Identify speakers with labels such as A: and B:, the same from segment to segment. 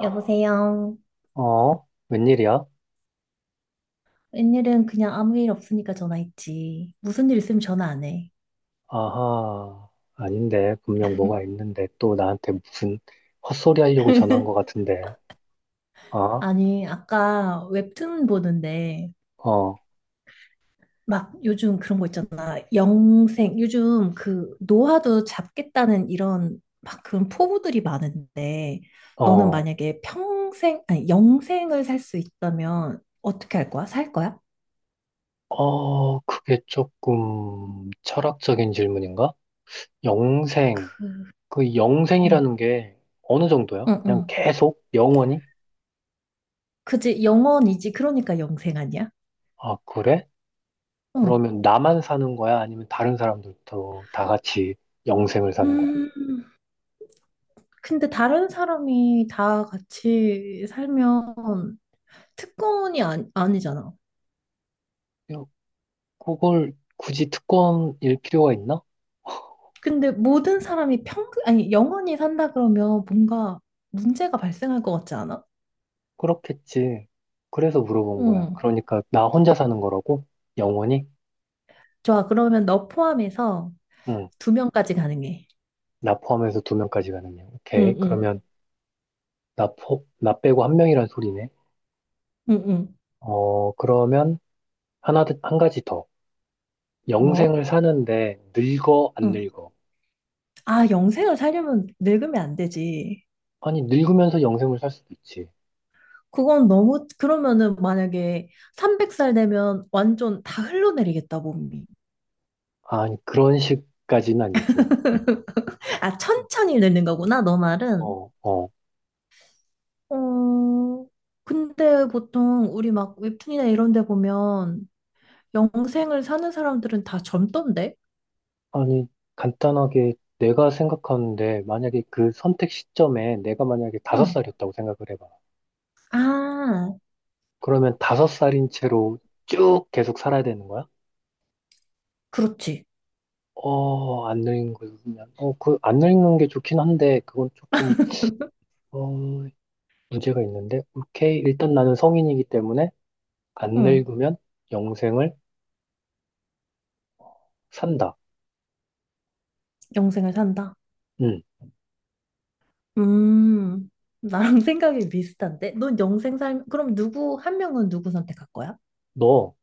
A: 여보세요.
B: 어? 웬일이야?
A: 웬일은 그냥 아무 일 없으니까 전화했지. 무슨 일 있으면 전화 안 해.
B: 아하, 아닌데. 분명 뭐가 있는데 또 나한테 무슨 헛소리 하려고 전화한 것 같은데. 어?
A: 아니, 아까 웹툰 보는데,
B: 어,
A: 막 요즘 그런 거 있잖아. 영생, 요즘 그 노화도 잡겠다는 이런 막 그런 포부들이 많은데, 너는
B: 어,
A: 만약에 평생, 아니, 영생을 살 수 있다면 어떻게 할 거야? 살 거야?
B: 어, 그게 조금 철학적인 질문인가? 영생.
A: 그,
B: 그
A: 응,
B: 영생이라는 게 어느 정도야?
A: 응,
B: 그냥
A: 응.
B: 계속? 영원히?
A: 그지, 영원이지. 그러니까 영생 아니야?
B: 아, 그래?
A: 응.
B: 그러면 나만 사는 거야? 아니면 다른 사람들도 다 같이 영생을 사는 거야?
A: 음. 근데 다른 사람이 다 같이 살면 특권이 아니, 아니잖아.
B: 야, 그걸 굳이 특권일 필요가 있나?
A: 근데 모든 사람이 평, 아니, 영원히 산다 그러면 뭔가 문제가 발생할 것 같지 않아?
B: 그렇겠지. 그래서 물어본 거야.
A: 응.
B: 그러니까 나 혼자 사는 거라고? 영원히?
A: 좋아. 그러면 너 포함해서
B: 응.
A: 두 명까지 가능해.
B: 나 포함해서 두 명까지 가는 양. 오케이.
A: 응, 응,
B: 그러면 나 빼고 한 명이란 소리네.
A: 응, 응.
B: 그러면 한 가지 더.
A: 뭐?
B: 영생을 사는데 늙어, 안
A: 응.
B: 늙어?
A: 아, 영생을 살려면 늙으면 안 되지.
B: 아니, 늙으면서 영생을 살 수도 있지.
A: 그건 너무, 그러면은 만약에 300살 되면 완전 다 흘러내리겠다, 몸이.
B: 아니, 그런 식까지는 아니고.
A: 아, 천천히 늙는 거구나, 너 말은.
B: 어, 어.
A: 어, 근데 보통 우리 막 웹툰이나 이런 데 보면 영생을 사는 사람들은 다 젊던데?
B: 아니, 간단하게 내가 생각하는데 만약에 그 선택 시점에 내가 만약에 다섯
A: 응.
B: 살이었다고 생각을 해봐.
A: 아,
B: 그러면 다섯 살인 채로 쭉 계속 살아야 되는 거야?
A: 그렇지.
B: 어, 안 늙는 거 보면. 어, 그, 안 늙는 게 좋긴 한데, 그건 조금, 어, 문제가 있는데. 오케이. 일단 나는 성인이기 때문에, 안
A: 응.
B: 늙으면 영생을 산다.
A: 영생을 산다.
B: 응.
A: 음, 나랑 생각이 비슷한데? 넌 영생 살, 그럼 누구, 한 명은 누구 선택할 거야?
B: 너,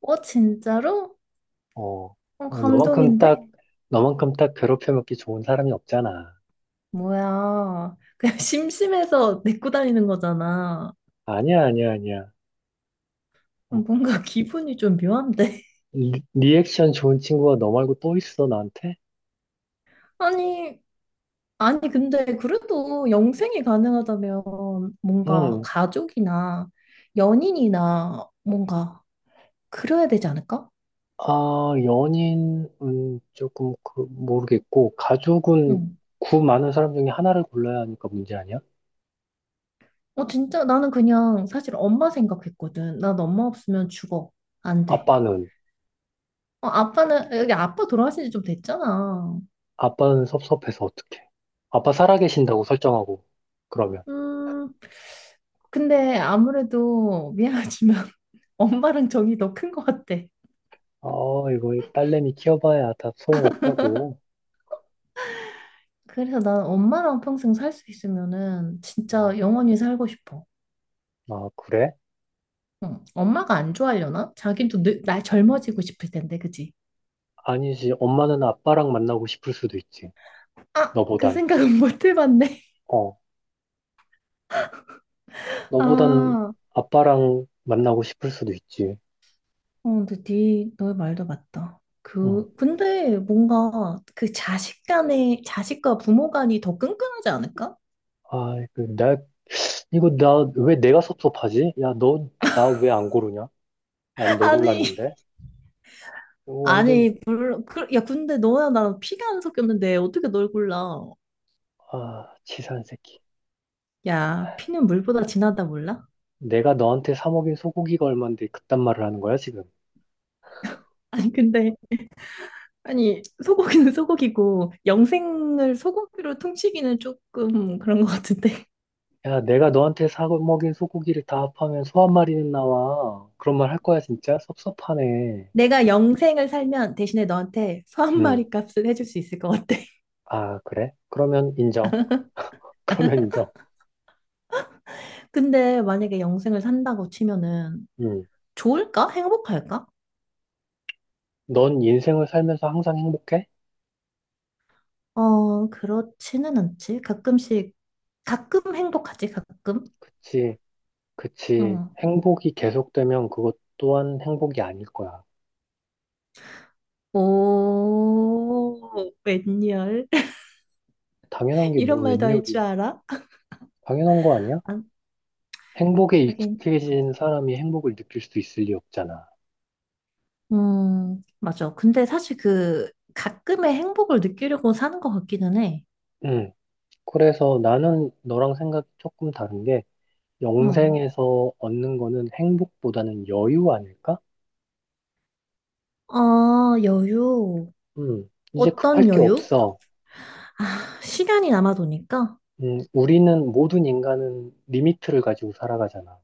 A: 어, 진짜로?
B: 어,
A: 어,
B: 어, 너만큼
A: 감동인데?
B: 딱, 너만큼 딱 괴롭혀먹기 좋은 사람이 없잖아.
A: 뭐야. 그냥 심심해서 내고 다니는 거잖아.
B: 아니야, 아니야, 아니야.
A: 어,
B: 어,
A: 뭔가 기분이 좀 묘한데?
B: 리액션 좋은 친구가 너 말고 또 있어, 나한테?
A: 아니, 아니, 근데 그래도 영생이 가능하다면 뭔가
B: 응,
A: 가족이나 연인이나 뭔가 그래야 되지 않을까?
B: 아, 연인은 조금 모르겠고, 가족은
A: 응.
B: 구 많은 사람 중에 하나를 골라야 하니까 문제 아니야?
A: 어, 진짜 나는 그냥 사실 엄마 생각했거든. 난 엄마 없으면 죽어. 안 돼.
B: 아빠는,
A: 어, 아빠는, 여기 아빠 돌아가신 지 좀 됐잖아.
B: 아빠는 섭섭해서 어떡해. 아빠 살아계신다고 설정하고, 그러면.
A: 음, 근데 아무래도 미안하지만 엄마랑 정이 더 큰 것 같아.
B: 아, 이거 딸내미 키워봐야 다 소용없다고.
A: 그래서 난 엄마랑 평생 살 수 있으면은
B: 음,
A: 진짜 영원히 살고 싶어.
B: 아, 그래?
A: 응. 엄마가 안 좋아하려나? 자기도 늙, 나 젊어지고 싶을 텐데, 그지?
B: 아니지. 엄마는 아빠랑 만나고 싶을 수도 있지.
A: 아, 그
B: 너보단.
A: 생각은 못 해봤네.
B: 어, 너보단
A: 아,
B: 아빠랑 만나고 싶을 수도 있지.
A: 어, 근데 네, 너의 말도 맞다.
B: 어.
A: 그, 근데 뭔가 그 자식 간의, 자식과 부모 간이 더 끈끈하지 않을까?
B: 아, 이거 나 왜 내가 섭섭하지? 야, 너 나 왜 안 고르냐? 난 너
A: 아니,
B: 골랐는데. 이거 완전
A: 아니, 물론, 그, 야, 근데 너야 나랑 피가 안 섞였는데 어떻게 널 골라?
B: 아, 치사한 새끼.
A: 야, 피는 물보다 진하다 몰라?
B: 내가 너한테 사 먹인 소고기가 얼만데 그딴 말을 하는 거야, 지금?
A: 아니, 근데, 아니, 소고기는 소고기고, 영생을 소고기로 퉁치기는 조금 그런 것 같은데.
B: 야, 내가 너한테 사 먹인 소고기를 다 합하면 소 한 마리는 나와. 그런 말 할 거야, 진짜? 섭섭하네.
A: 내가 영생을 살면 대신에 너한테 소 한
B: 음.
A: 마리 값을 해줄 수 있을 것 같아.
B: 아, 그래? 그러면 인정. 그러면 인정.
A: 근데 만약에 영생을 산다고 치면은
B: 음.
A: 좋을까? 행복할까?
B: 넌 인생을 살면서 항상 행복해?
A: 어, 그렇지는 않지. 가끔씩, 가끔 행복하지, 가끔.
B: 그치, 그치.
A: 응.
B: 행복이 계속되면 그것 또한 행복이 아닐 거야.
A: 오, 웬열.
B: 당연한 게 뭐
A: 이런 말도
B: 웬
A: 할
B: 요리야?
A: 줄 알아?
B: 당연한 거 아니야?
A: 아,
B: 행복에
A: 하긴.
B: 익숙해진 사람이 행복을 느낄 수 있을 리 없잖아.
A: 맞아. 근데 사실 그 가끔의 행복을 느끼려고 사는 것 같기는 해.
B: 음. 그래서 나는 너랑 생각이 조금 다른 게
A: 응.
B: 영생에서 얻는 거는 행복보다는 여유 아닐까?
A: 아, 여유.
B: 음. 이제 급할
A: 어떤
B: 게
A: 여유?
B: 없어.
A: 아, 시간이 남아도니까?
B: 음. 우리는 모든 인간은 리미트를 가지고 살아가잖아.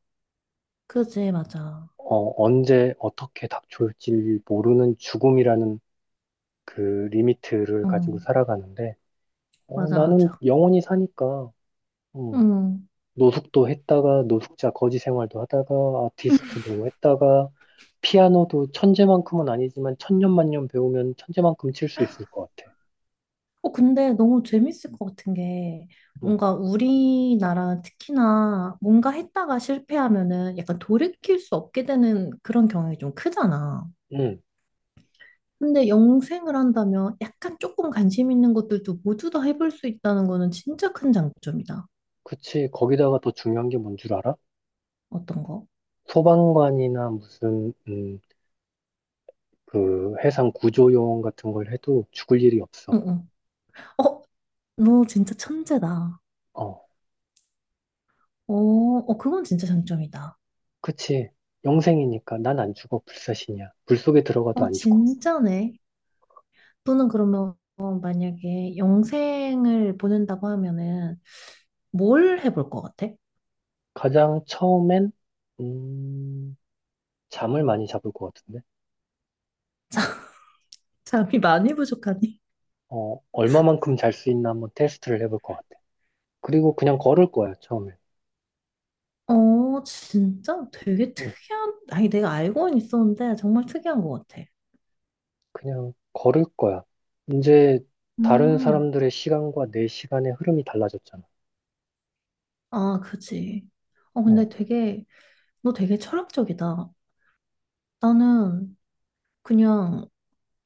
A: 그지, 맞아.
B: 어, 언제 어떻게 닥쳐올지 모르는 죽음이라는 그 리미트를
A: 어,
B: 가지고 살아가는데 어,
A: 맞아,
B: 나는
A: 맞아.
B: 영원히 사니까. 음.
A: 음.
B: 노숙도 했다가 노숙자 거지 생활도 하다가 아티스트도 했다가 피아노도 천재만큼은 아니지만 천년만년 배우면 천재만큼 칠 수 있을 것 같아.
A: 어, 근데 너무 재밌을 것 같은 게,
B: 응,
A: 뭔가 우리나라 특히나 뭔가 했다가 실패하면은 약간 돌이킬 수 없게 되는 그런 경향이 좀 크잖아.
B: 응,
A: 근데 영생을 한다면 약간 조금 관심 있는 것들도 모두 다 해볼 수 있다는 거는 진짜 큰 장점이다.
B: 그치. 거기다가 더 중요한 게 뭔 줄 알아?
A: 어떤 거?
B: 소방관이나 무슨 그 해상 구조요원 같은 걸 해도 죽을 일이 없어.
A: 응, 응. 어, 너 진짜 천재다.
B: 어,
A: 어, 어, 그건 진짜 장점이다.
B: 그치. 영생이니까 난 안 죽어. 불사신이야. 불 속에 들어가도
A: 어,
B: 안 죽어.
A: 진짜네. 또는 그러면 만약에 영생을 보낸다고 하면은 뭘 해볼 것 같아?
B: 가장 처음엔 음, 잠을 많이 잡을 것 같은데.
A: 잠이 많이 부족하니?
B: 어, 얼마만큼 잘 수 있나 한번 테스트를 해볼 것 같아. 그리고 그냥 걸을 거야, 처음에.
A: 어, 진짜 되게
B: 응,
A: 특이한, 아니, 내가 알고는 있었는데 정말 특이한 것 같아.
B: 그냥 걸을 거야. 이제 다른
A: 음,
B: 사람들의 시간과 내 시간의 흐름이 달라졌잖아.
A: 아, 그지. 어, 근데
B: 어,
A: 되게, 너 되게 철학적이다. 나는 그냥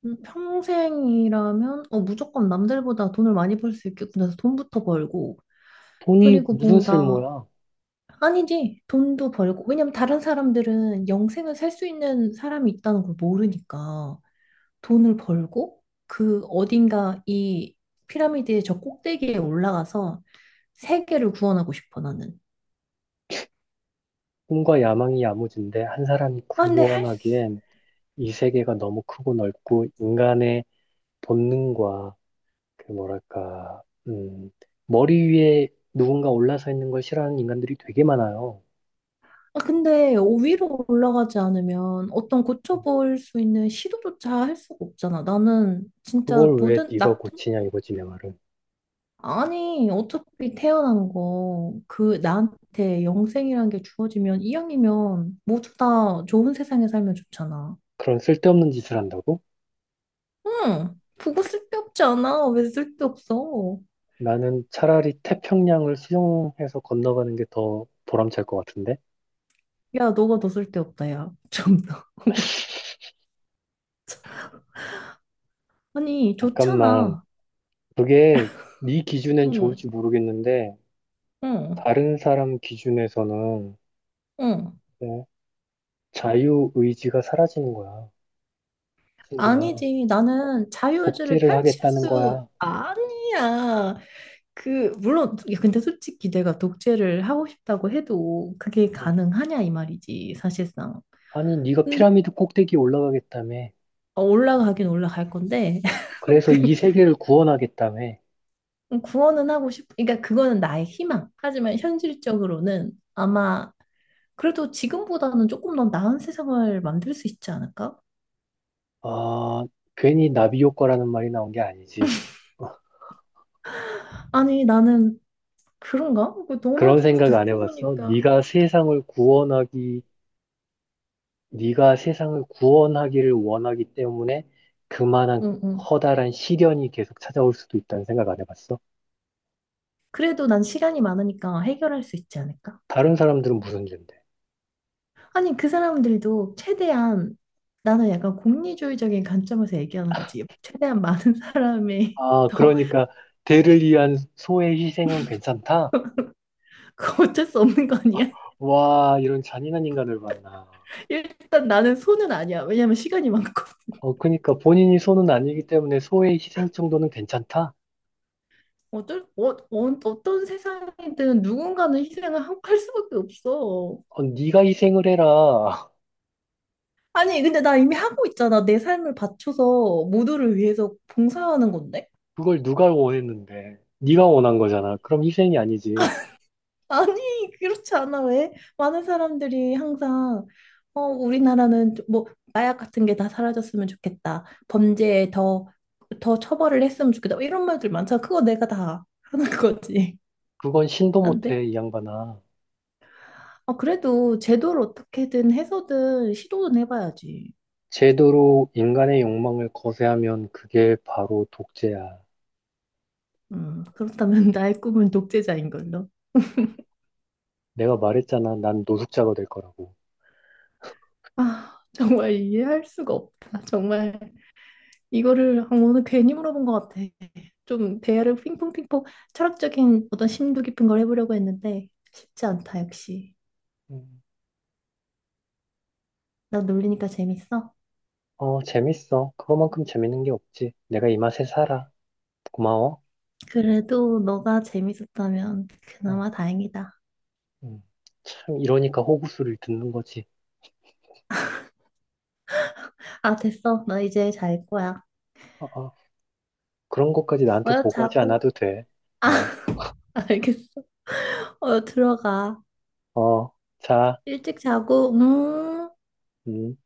A: 평생이라면, 어, 무조건 남들보다 돈을 많이 벌 수 있겠구나 해서 돈부터 벌고,
B: 돈이
A: 그리고
B: 무슨
A: 뭔가
B: 쓸모야?
A: 아니지. 돈도 벌고. 왜냐면 다른 사람들은 영생을 살 수 있는 사람이 있다는 걸 모르니까 돈을 벌고 그 어딘가 이 피라미드의 저 꼭대기에 올라가서 세계를 구원하고 싶어 나는.
B: 꿈과 야망이 야무진데 한 사람이
A: 아 근데 할 수...
B: 구원하기엔 이 세계가 너무 크고 넓고 인간의 본능과 뭐랄까, 머리 위에 누군가 올라서 있는 걸 싫어하는 인간들이 되게 많아요.
A: 아 근데 위로 올라가지 않으면 어떤 고쳐볼 수 있는 시도조차 할 수가 없잖아. 나는 진짜
B: 그걸 왜
A: 모든
B: 네가
A: 나쁜
B: 고치냐 이거지 내 말은.
A: 아니, 어차피 태어난 거, 그, 나한테 영생이란 게 주어지면, 이왕이면, 모두 다 좋은 세상에 살면 좋잖아.
B: 그런 쓸데없는 짓을 한다고?
A: 응, 그거 쓸데없지 않아. 왜 쓸데없어?
B: 나는 차라리 태평양을 수영해서 건너가는 게 더 보람찰 것 같은데?
A: 야, 너가 더 쓸데없다, 야. 좀 더. 아니,
B: 잠깐만.
A: 좋잖아.
B: 그게 네 기준엔
A: 응,
B: 좋을지 모르겠는데,
A: 응,
B: 다른 사람 기준에서는
A: 응.
B: 어, 자유의지가 사라지는 거야, 친구야.
A: 아니지, 나는 자유의지를
B: 복제를
A: 펼칠
B: 하겠다는
A: 수,
B: 거야.
A: 아니야. 그, 물론, 야, 근데 솔직히 내가 독재를 하고 싶다고 해도 그게
B: 어,
A: 가능하냐, 이 말이지, 사실상.
B: 아니, 네가 피라미드 꼭대기 올라가겠다며.
A: 어, 올라가긴 올라갈 건데
B: 그래서 이 세계를 구원하겠다며.
A: 그 구원은 하고 싶. 그러니까 그거는 나의 희망. 하지만 현실적으로는 아마 그래도 지금보다는 조금 더 나은 세상을 만들 수 있지 않을까?
B: 아, 괜히 나비 효과라는 말이 나온 게 아니지.
A: 아니 나는 그런가? 그 너말
B: 그런 생각 안
A: 듣고
B: 해봤어?
A: 보니까.
B: 네가 세상을 구원하기를 원하기 때문에 그만한
A: 응, 응.
B: 커다란 시련이 계속 찾아올 수도 있다는 생각 안 해봤어?
A: 그래도 난 시간이 많으니까 해결할 수 있지 않을까?
B: 다른 사람들은 무슨 죄인데?
A: 아니 그 사람들도 최대한 나는 약간 공리주의적인 관점에서 얘기하는 거지. 최대한 많은 사람의
B: 아,
A: 더
B: 그러니까 대를 위한 소의 희생은 괜찮다?
A: 그 어쩔 수 없는 거 아니야?
B: 와, 이런 잔인한 인간을 만나.
A: 일단 나는 손은 아니야. 왜냐면 시간이 많고.
B: 어, 그러니까 본인이 소는 아니기 때문에 소의 희생 정도는 괜찮다?
A: 어, 어, 어떤 세상이든 누군가는 할 수밖에 없어.
B: 어, 네가 희생을 해라.
A: 아니, 근데 나 이미 하고 있잖아. 내 삶을 바쳐서 모두를 위해서 봉사하는 건데?
B: 그걸 누가 원했는데? 네가 원한 거잖아. 그럼 희생이 아니지.
A: 아니, 그렇지 않아. 왜? 많은 사람들이 항상, 어, 우리나라는 좀 뭐, 마약 같은 게 다 사라졌으면 좋겠다. 범죄에 더, 더 처벌을 했으면 좋겠다. 이런 말들 많잖아. 그거 내가 다 하는 거지.
B: 그건 신도
A: 안 돼?
B: 못해, 이 양반아.
A: 아, 그래도 제도를 어떻게든 해서든 시도는 해봐야지.
B: 제도로 인간의 욕망을 거세하면 그게 바로 독재야.
A: 그렇다면 나의 꿈은 독재자인 걸로.
B: 내가 말했잖아, 난 노숙자가 될 거라고.
A: 아, 정말 이해할 수가 없다. 정말 이거를 아, 오늘 괜히 물어본 것 같아. 좀 대화를 핑퐁핑퐁 철학적인 어떤 심도 깊은 걸 해보려고 했는데 쉽지 않다, 역시.
B: 음.
A: 나 놀리니까 재밌어?
B: 어, 재밌어. 그거만큼 재밌는 게 없지. 내가 이 맛에 살아. 고마워.
A: 그래도 너가 재밌었다면
B: 어,
A: 그나마 다행이다.
B: 음. 참, 이러니까 호구수를 듣는 거지.
A: 아, 됐어. 나 이제 잘 거야.
B: 어, 어. 그런 것까지 나한테
A: 어여
B: 보고하지
A: 자고.
B: 않아도 돼. 어,
A: 알겠어. 어여 들어가.
B: 어, 자,
A: 일찍 자고,
B: 음.